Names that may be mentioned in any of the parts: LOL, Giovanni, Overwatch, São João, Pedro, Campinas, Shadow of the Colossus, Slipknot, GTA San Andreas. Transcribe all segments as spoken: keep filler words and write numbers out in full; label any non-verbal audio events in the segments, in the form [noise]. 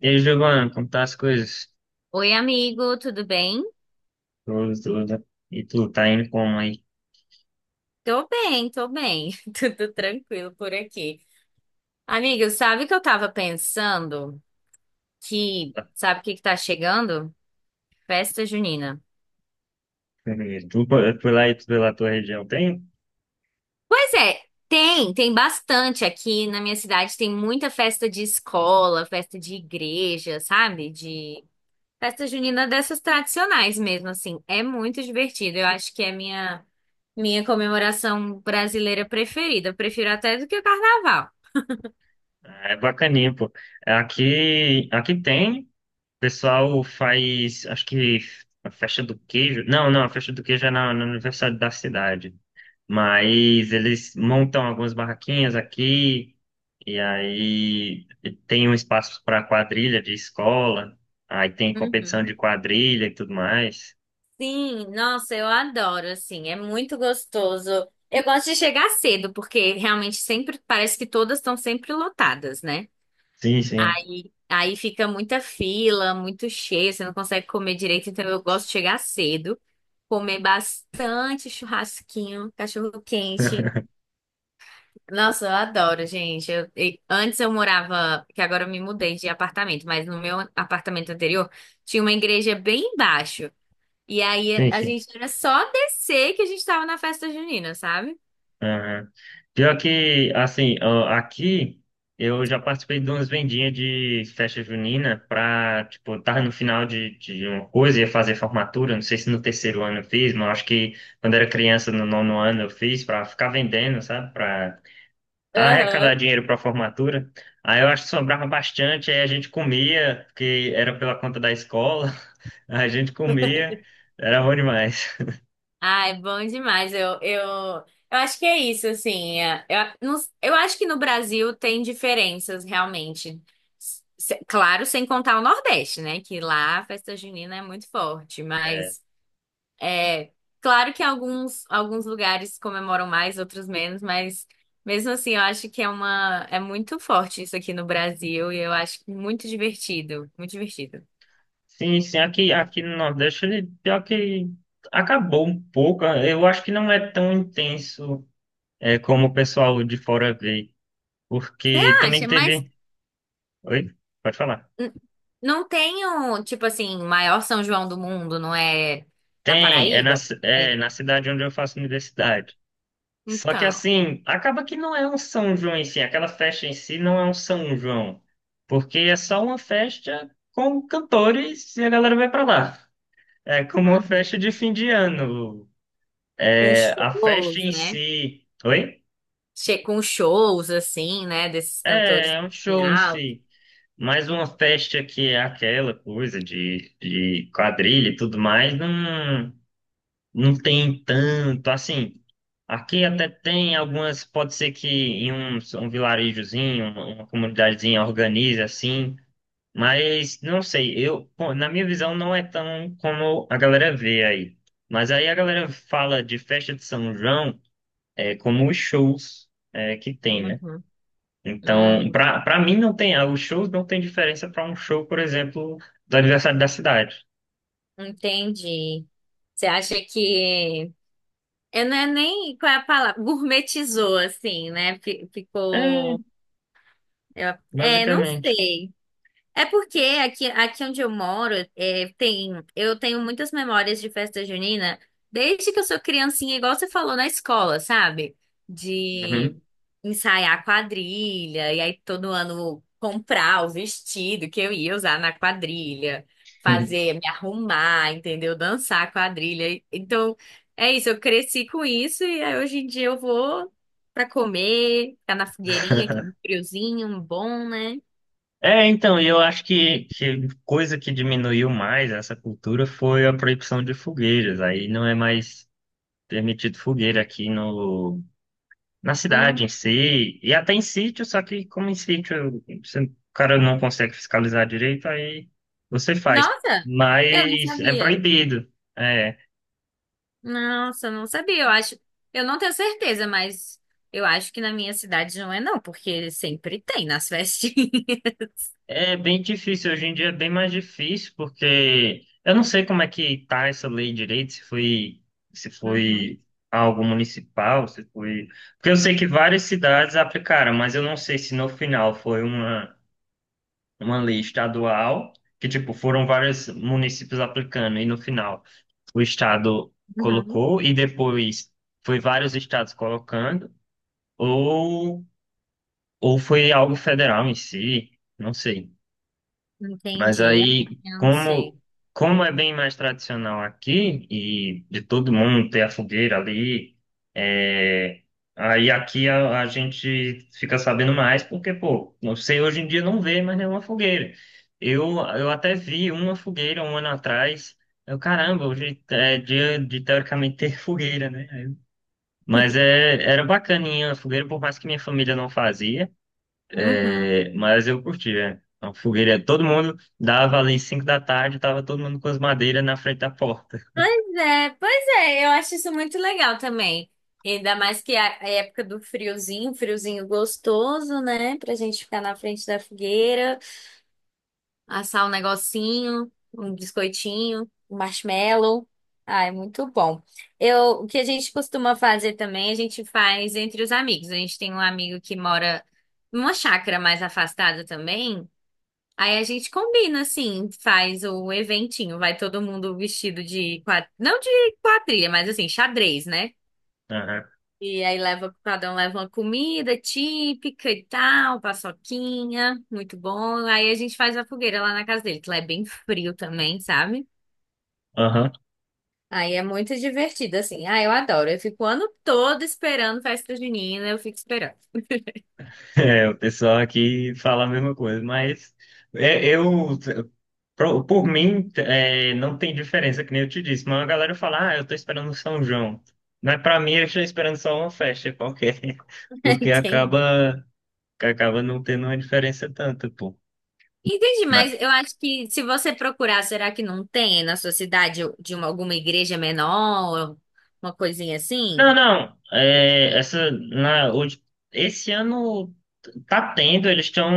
E aí, Giovanni, como tá as coisas? Oi, amigo, tudo bem? Tudo, tudo. E tu tá indo como aí? Tô bem, tô bem. [laughs] Tudo tranquilo por aqui. Amigo, sabe o que eu tava pensando? Que, sabe o que que tá chegando? Festa junina. Tu por por lá e tu pela tua região tem? Pois é, tem, tem bastante aqui na minha cidade. Tem muita festa de escola, festa de igreja, sabe? De festa junina dessas tradicionais mesmo, assim. É muito divertido. Eu acho que é minha, minha comemoração brasileira preferida. Eu prefiro até do que o carnaval. Ah, é bacaninha, pô. Aqui, aqui tem. O pessoal faz, acho que a festa do queijo. Não, não, a festa do queijo é na, no aniversário da cidade. Mas eles montam algumas barraquinhas aqui. E aí tem um espaço para quadrilha de escola. Aí tem competição de Uhum. quadrilha e tudo mais. Sim, nossa, eu adoro, assim, é muito gostoso. Eu gosto de chegar cedo, porque realmente sempre parece que todas estão sempre lotadas, né? Sim, sim. Aí, aí fica muita fila, muito cheio, você não consegue comer direito, então eu gosto de chegar cedo, comer bastante churrasquinho, cachorro quente. Nossa, eu adoro, gente. Eu- e- antes eu morava, que agora eu me mudei de apartamento, mas no meu apartamento anterior tinha uma igreja bem embaixo. E aí Sim, a sim. gente era só descer que a gente tava na festa junina, sabe? Aham. Pior que, assim, ó, aqui eu já participei de umas vendinhas de festa junina pra, tipo, eu tava no final de, de uma coisa, ia fazer formatura, não sei se no terceiro ano eu fiz, mas eu acho que quando era criança, no nono ano eu fiz, pra ficar vendendo, sabe? Pra Aham. arrecadar dinheiro pra formatura. Aí eu acho que sobrava bastante, aí a gente comia, porque era pela conta da escola, [laughs] a gente comia, era bom demais. Ai, bom demais. Eu, eu, eu acho que é isso, assim. é, Eu, não- eu acho que no Brasil tem diferenças, realmente. Se- claro, sem contar o Nordeste, né? Que lá a festa junina é muito forte, mas é claro que alguns, alguns lugares comemoram mais, outros menos, mas mesmo assim eu acho que é uma, é muito forte isso aqui no Brasil e eu acho muito divertido, muito divertido. Sim, sim, aqui, aqui no Nordeste, ele, pior que acabou um pouco. Eu acho que não é tão intenso é, como o pessoal de fora vê, porque também Acha, mas teve. Oi? Pode falar. n- não tem um tipo assim, maior São João do mundo, não é na Tem, é na, Paraíba? ci- É. é na cidade onde eu faço universidade. Só que Então, assim, acaba que não é um São João em si, aquela festa em si não é um São João, porque é só uma festa com cantores e a galera vai pra lá. É como uma uhum. festa de fim de ano. Com É, a festa shows, em né? si. Oi? Che Com shows, assim, né? Desses É, cantores é um em show em alto. si. Mas uma festa que é aquela coisa de, de quadrilha e tudo mais, não, não tem tanto. Assim, aqui até tem algumas, pode ser que em um, um vilarejozinho, uma, uma comunidadezinha organize assim, mas não sei, eu, pô, na minha visão, não é tão como a galera vê aí. Mas aí a galera fala de festa de São João. É, como os shows é, que tem, né? Uhum. Então, Hum, pra para mim não tem, ah, os shows não tem diferença para um show, por exemplo, do aniversário da cidade. entendi. Você acha que. Eu não é nem qual é a palavra, gourmetizou, assim, né? Fi- É, Ficou. eu- É, não basicamente. sei. É porque aqui, aqui onde eu moro, é, tem, eu tenho muitas memórias de festa junina, desde que eu sou criancinha, igual você falou na escola, sabe? De ensaiar quadrilha, e aí todo ano comprar o vestido que eu ia usar na quadrilha, Uhum. fazer, me arrumar, entendeu? Dançar quadrilha. Então, é isso, eu cresci com isso, e aí hoje em dia eu vou pra comer, ficar na fogueirinha, que é um [laughs] friozinho, um bom, né? É, então, e eu acho que, que coisa que diminuiu mais essa cultura foi a proibição de fogueiras. Aí não é mais permitido fogueira aqui no, na Hum. cidade em si, e até em sítio, só que como em sítio você- o cara não consegue fiscalizar direito, aí você faz. Nossa, eu não Mas é sabia. proibido. É, Nossa, eu não sabia. Eu acho, eu não tenho certeza, mas eu acho que na minha cidade não é não, porque sempre tem nas festinhas. [laughs] é bem difícil, hoje em dia é bem mais difícil, porque eu não sei como é que tá essa lei direito, se foi, se Uhum, foi algo municipal, se foi. Porque eu sei que várias cidades aplicaram, mas eu não sei se no final foi uma, uma lei estadual, que tipo, foram vários municípios aplicando, e no final. O estado uhum. colocou e depois foi vários estados colocando, ou, ou foi algo federal em si, não sei. Mas Entendi. é, aí, Eu não sei. como, como é bem mais tradicional aqui, e de todo mundo ter a fogueira ali, é, aí aqui a, a gente fica sabendo mais, porque, pô, não sei, hoje em dia não vê mais nenhuma fogueira. Eu, eu até vi uma fogueira um ano atrás. Eu, caramba, hoje é dia de teoricamente ter [laughs] fogueira, né? Mas é, era bacaninha a fogueira, por mais que minha família não fazia. Uhum. É, mas eu curti, é. A fogueira, todo mundo dava ali cinco da tarde, tava todo mundo com as madeiras na frente da porta. Pois é, pois é, eu acho isso muito legal também. Ainda mais que a a época do friozinho, friozinho gostoso, né? Pra gente ficar na frente da fogueira. Assar um negocinho, um biscoitinho, um marshmallow. Ah, é muito bom. Eu, o que a gente costuma fazer também, a gente faz entre os amigos. A gente tem um amigo que mora numa chácara mais afastada também. Aí a gente combina, assim, faz o eventinho. Vai todo mundo vestido de quadrilha, não de quadrilha, mas assim, xadrez, né? Aham. E aí leva, cada um leva uma comida típica e tal, paçoquinha, muito bom. Aí a gente faz a fogueira lá na casa dele, que lá é bem frio também, sabe? Aham. [laughs] Aí é muito divertido, assim. Ah, eu adoro. Eu fico o ano todo esperando festa junina, eu fico esperando. É, o pessoal aqui fala a mesma coisa, mas é, eu, pro- por mim, é, não tem diferença, que nem eu te disse, mas a galera fala, ah, eu tô esperando o São João. Mas pra mim, eu estou esperando só uma festa qualquer, [laughs] [laughs] porque Entendi. acaba, acaba não tendo uma diferença tanta, pô. Entendi, mas eu acho que se você procurar, será que não tem na sua cidade de uma, alguma igreja menor, uma coisinha Não, assim? não. É, essa, na, hoje, esse ano tá tendo, eles estão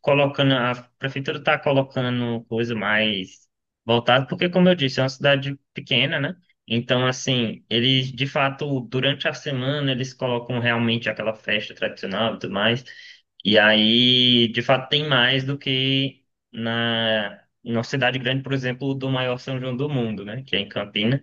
colocando, a prefeitura está colocando coisa mais voltada, porque, como eu disse, é uma cidade pequena, né? Então, assim, eles, de fato, durante a semana, eles colocam realmente aquela festa tradicional e tudo mais. E aí, de fato, tem mais do que na, na cidade grande, por exemplo, do maior São João do mundo, né? Que é em Campinas.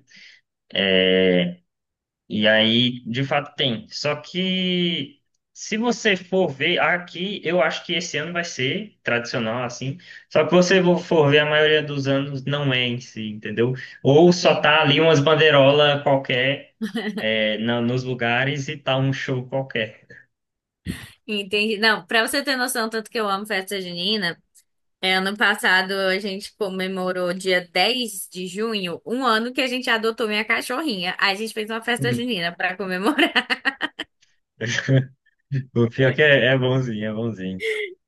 E aí, de fato, tem. Só que se você for ver aqui, eu acho que esse ano vai ser tradicional, assim. Só que você vo- for ver, a maioria dos anos não é em si, entendeu? Ou só tá Entendi. ali umas bandeirolas qualquer, é, na- nos lugares e tá um show qualquer. Entendi. Não, pra você ter noção, tanto que eu amo festa junina. É, ano passado a gente comemorou dia dez de junho, um ano que a gente adotou minha cachorrinha. Aí a gente fez uma festa junina pra comemorar. [laughs] [laughs] O pior que é, é bonzinho, é bonzinho.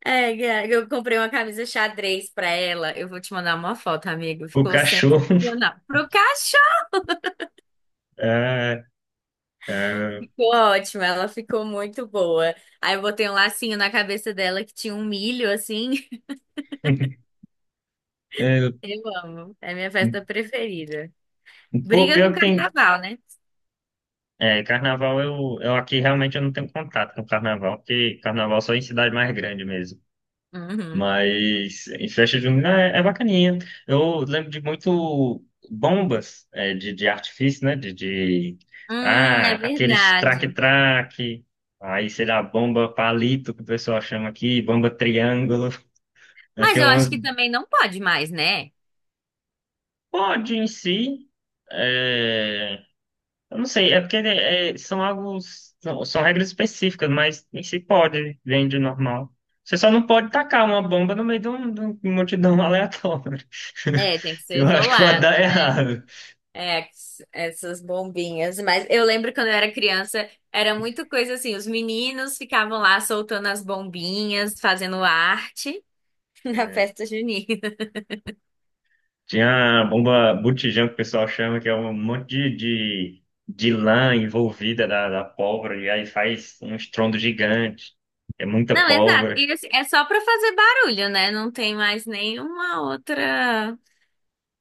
É, Gá, eu comprei uma camisa xadrez pra ela. Eu vou te mandar uma foto, amigo. O Ficou cachorro. [laughs] sensacional. Pro cachorro. É, é, Ficou ótimo, ela ficou muito boa. Aí eu botei um lacinho na cabeça dela que tinha um milho assim. [laughs] [laughs] é, Eu amo. É minha festa preferida. pô, Briga com pior que tem. carnaval, né? É, carnaval eu, eu aqui realmente eu não tenho contato com carnaval, porque carnaval só em cidade mais grande mesmo. Uhum. Mas em festa junina é, é bacaninha. Eu lembro de muito bombas é, de, de artifício, né? De, de Hum, ah, é aqueles verdade. traque-traque, aí sei lá, bomba palito que o pessoal chama aqui, bomba triângulo. Aí Mas tem eu acho umas que também não pode mais, né? pode em si. é, Eu não sei, é porque né, é, são algo, são, são regras específicas, mas nem se pode, vende normal. Você só não pode tacar uma bomba no meio de, um, de uma multidão aleatória, É, tem que [laughs] que ser eu acho que vai dar isolada, né? errado. É, essas bombinhas. Mas eu lembro quando eu era criança, era muito coisa assim, os meninos ficavam lá soltando as bombinhas, fazendo arte [laughs] na É, festa junina. tinha a bomba botijão, que o pessoal chama, que é um monte de, de, de lã envolvida da, da pólvora, e aí faz um estrondo gigante, é muita Não, exato. pólvora. E assim, é só pra fazer barulho, né? Não tem mais nenhuma outra,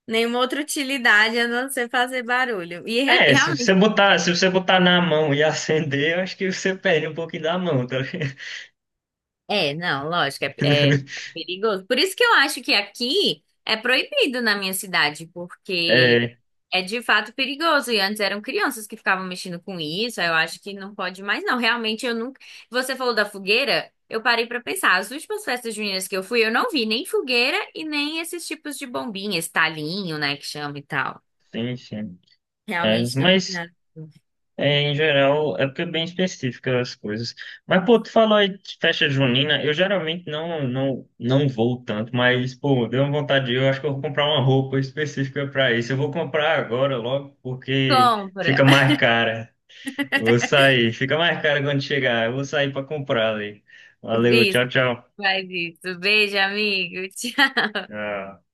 nenhuma outra utilidade a não ser fazer barulho. E re- É, se realmente você botar, se você botar na mão e [laughs] acender, eu acho que você perde um pouquinho da mão, tá ligado? é, não, lógico, é, é- é [laughs] perigoso. Por isso que eu acho que aqui é proibido na minha cidade, porque É, é de fato perigoso. E antes eram crianças que ficavam mexendo com isso, aí eu acho que não pode mais, não. Realmente eu nunca. Você falou da fogueira, eu parei pra pensar. As últimas festas juninas que eu fui, eu não vi nem fogueira e nem esses tipos de bombinha, esse talinho, né, que chama e tal. sim, sim. É, Realmente não vi mas, nada. é, em geral, é porque é bem específica as coisas. Mas, pô, tu falou aí de festa junina, eu geralmente não, não, não vou tanto, mas, pô, deu uma vontade, de ir, eu acho que eu vou comprar uma roupa específica pra isso. Eu vou comprar agora logo, porque Compra. fica mais cara. Eu vou sair, fica mais cara quando chegar. Eu vou sair pra comprar ali. [laughs] Valeu, Isso, tchau, tchau. faz isso. Beijo, amigo. [laughs] Tchau. Tchau.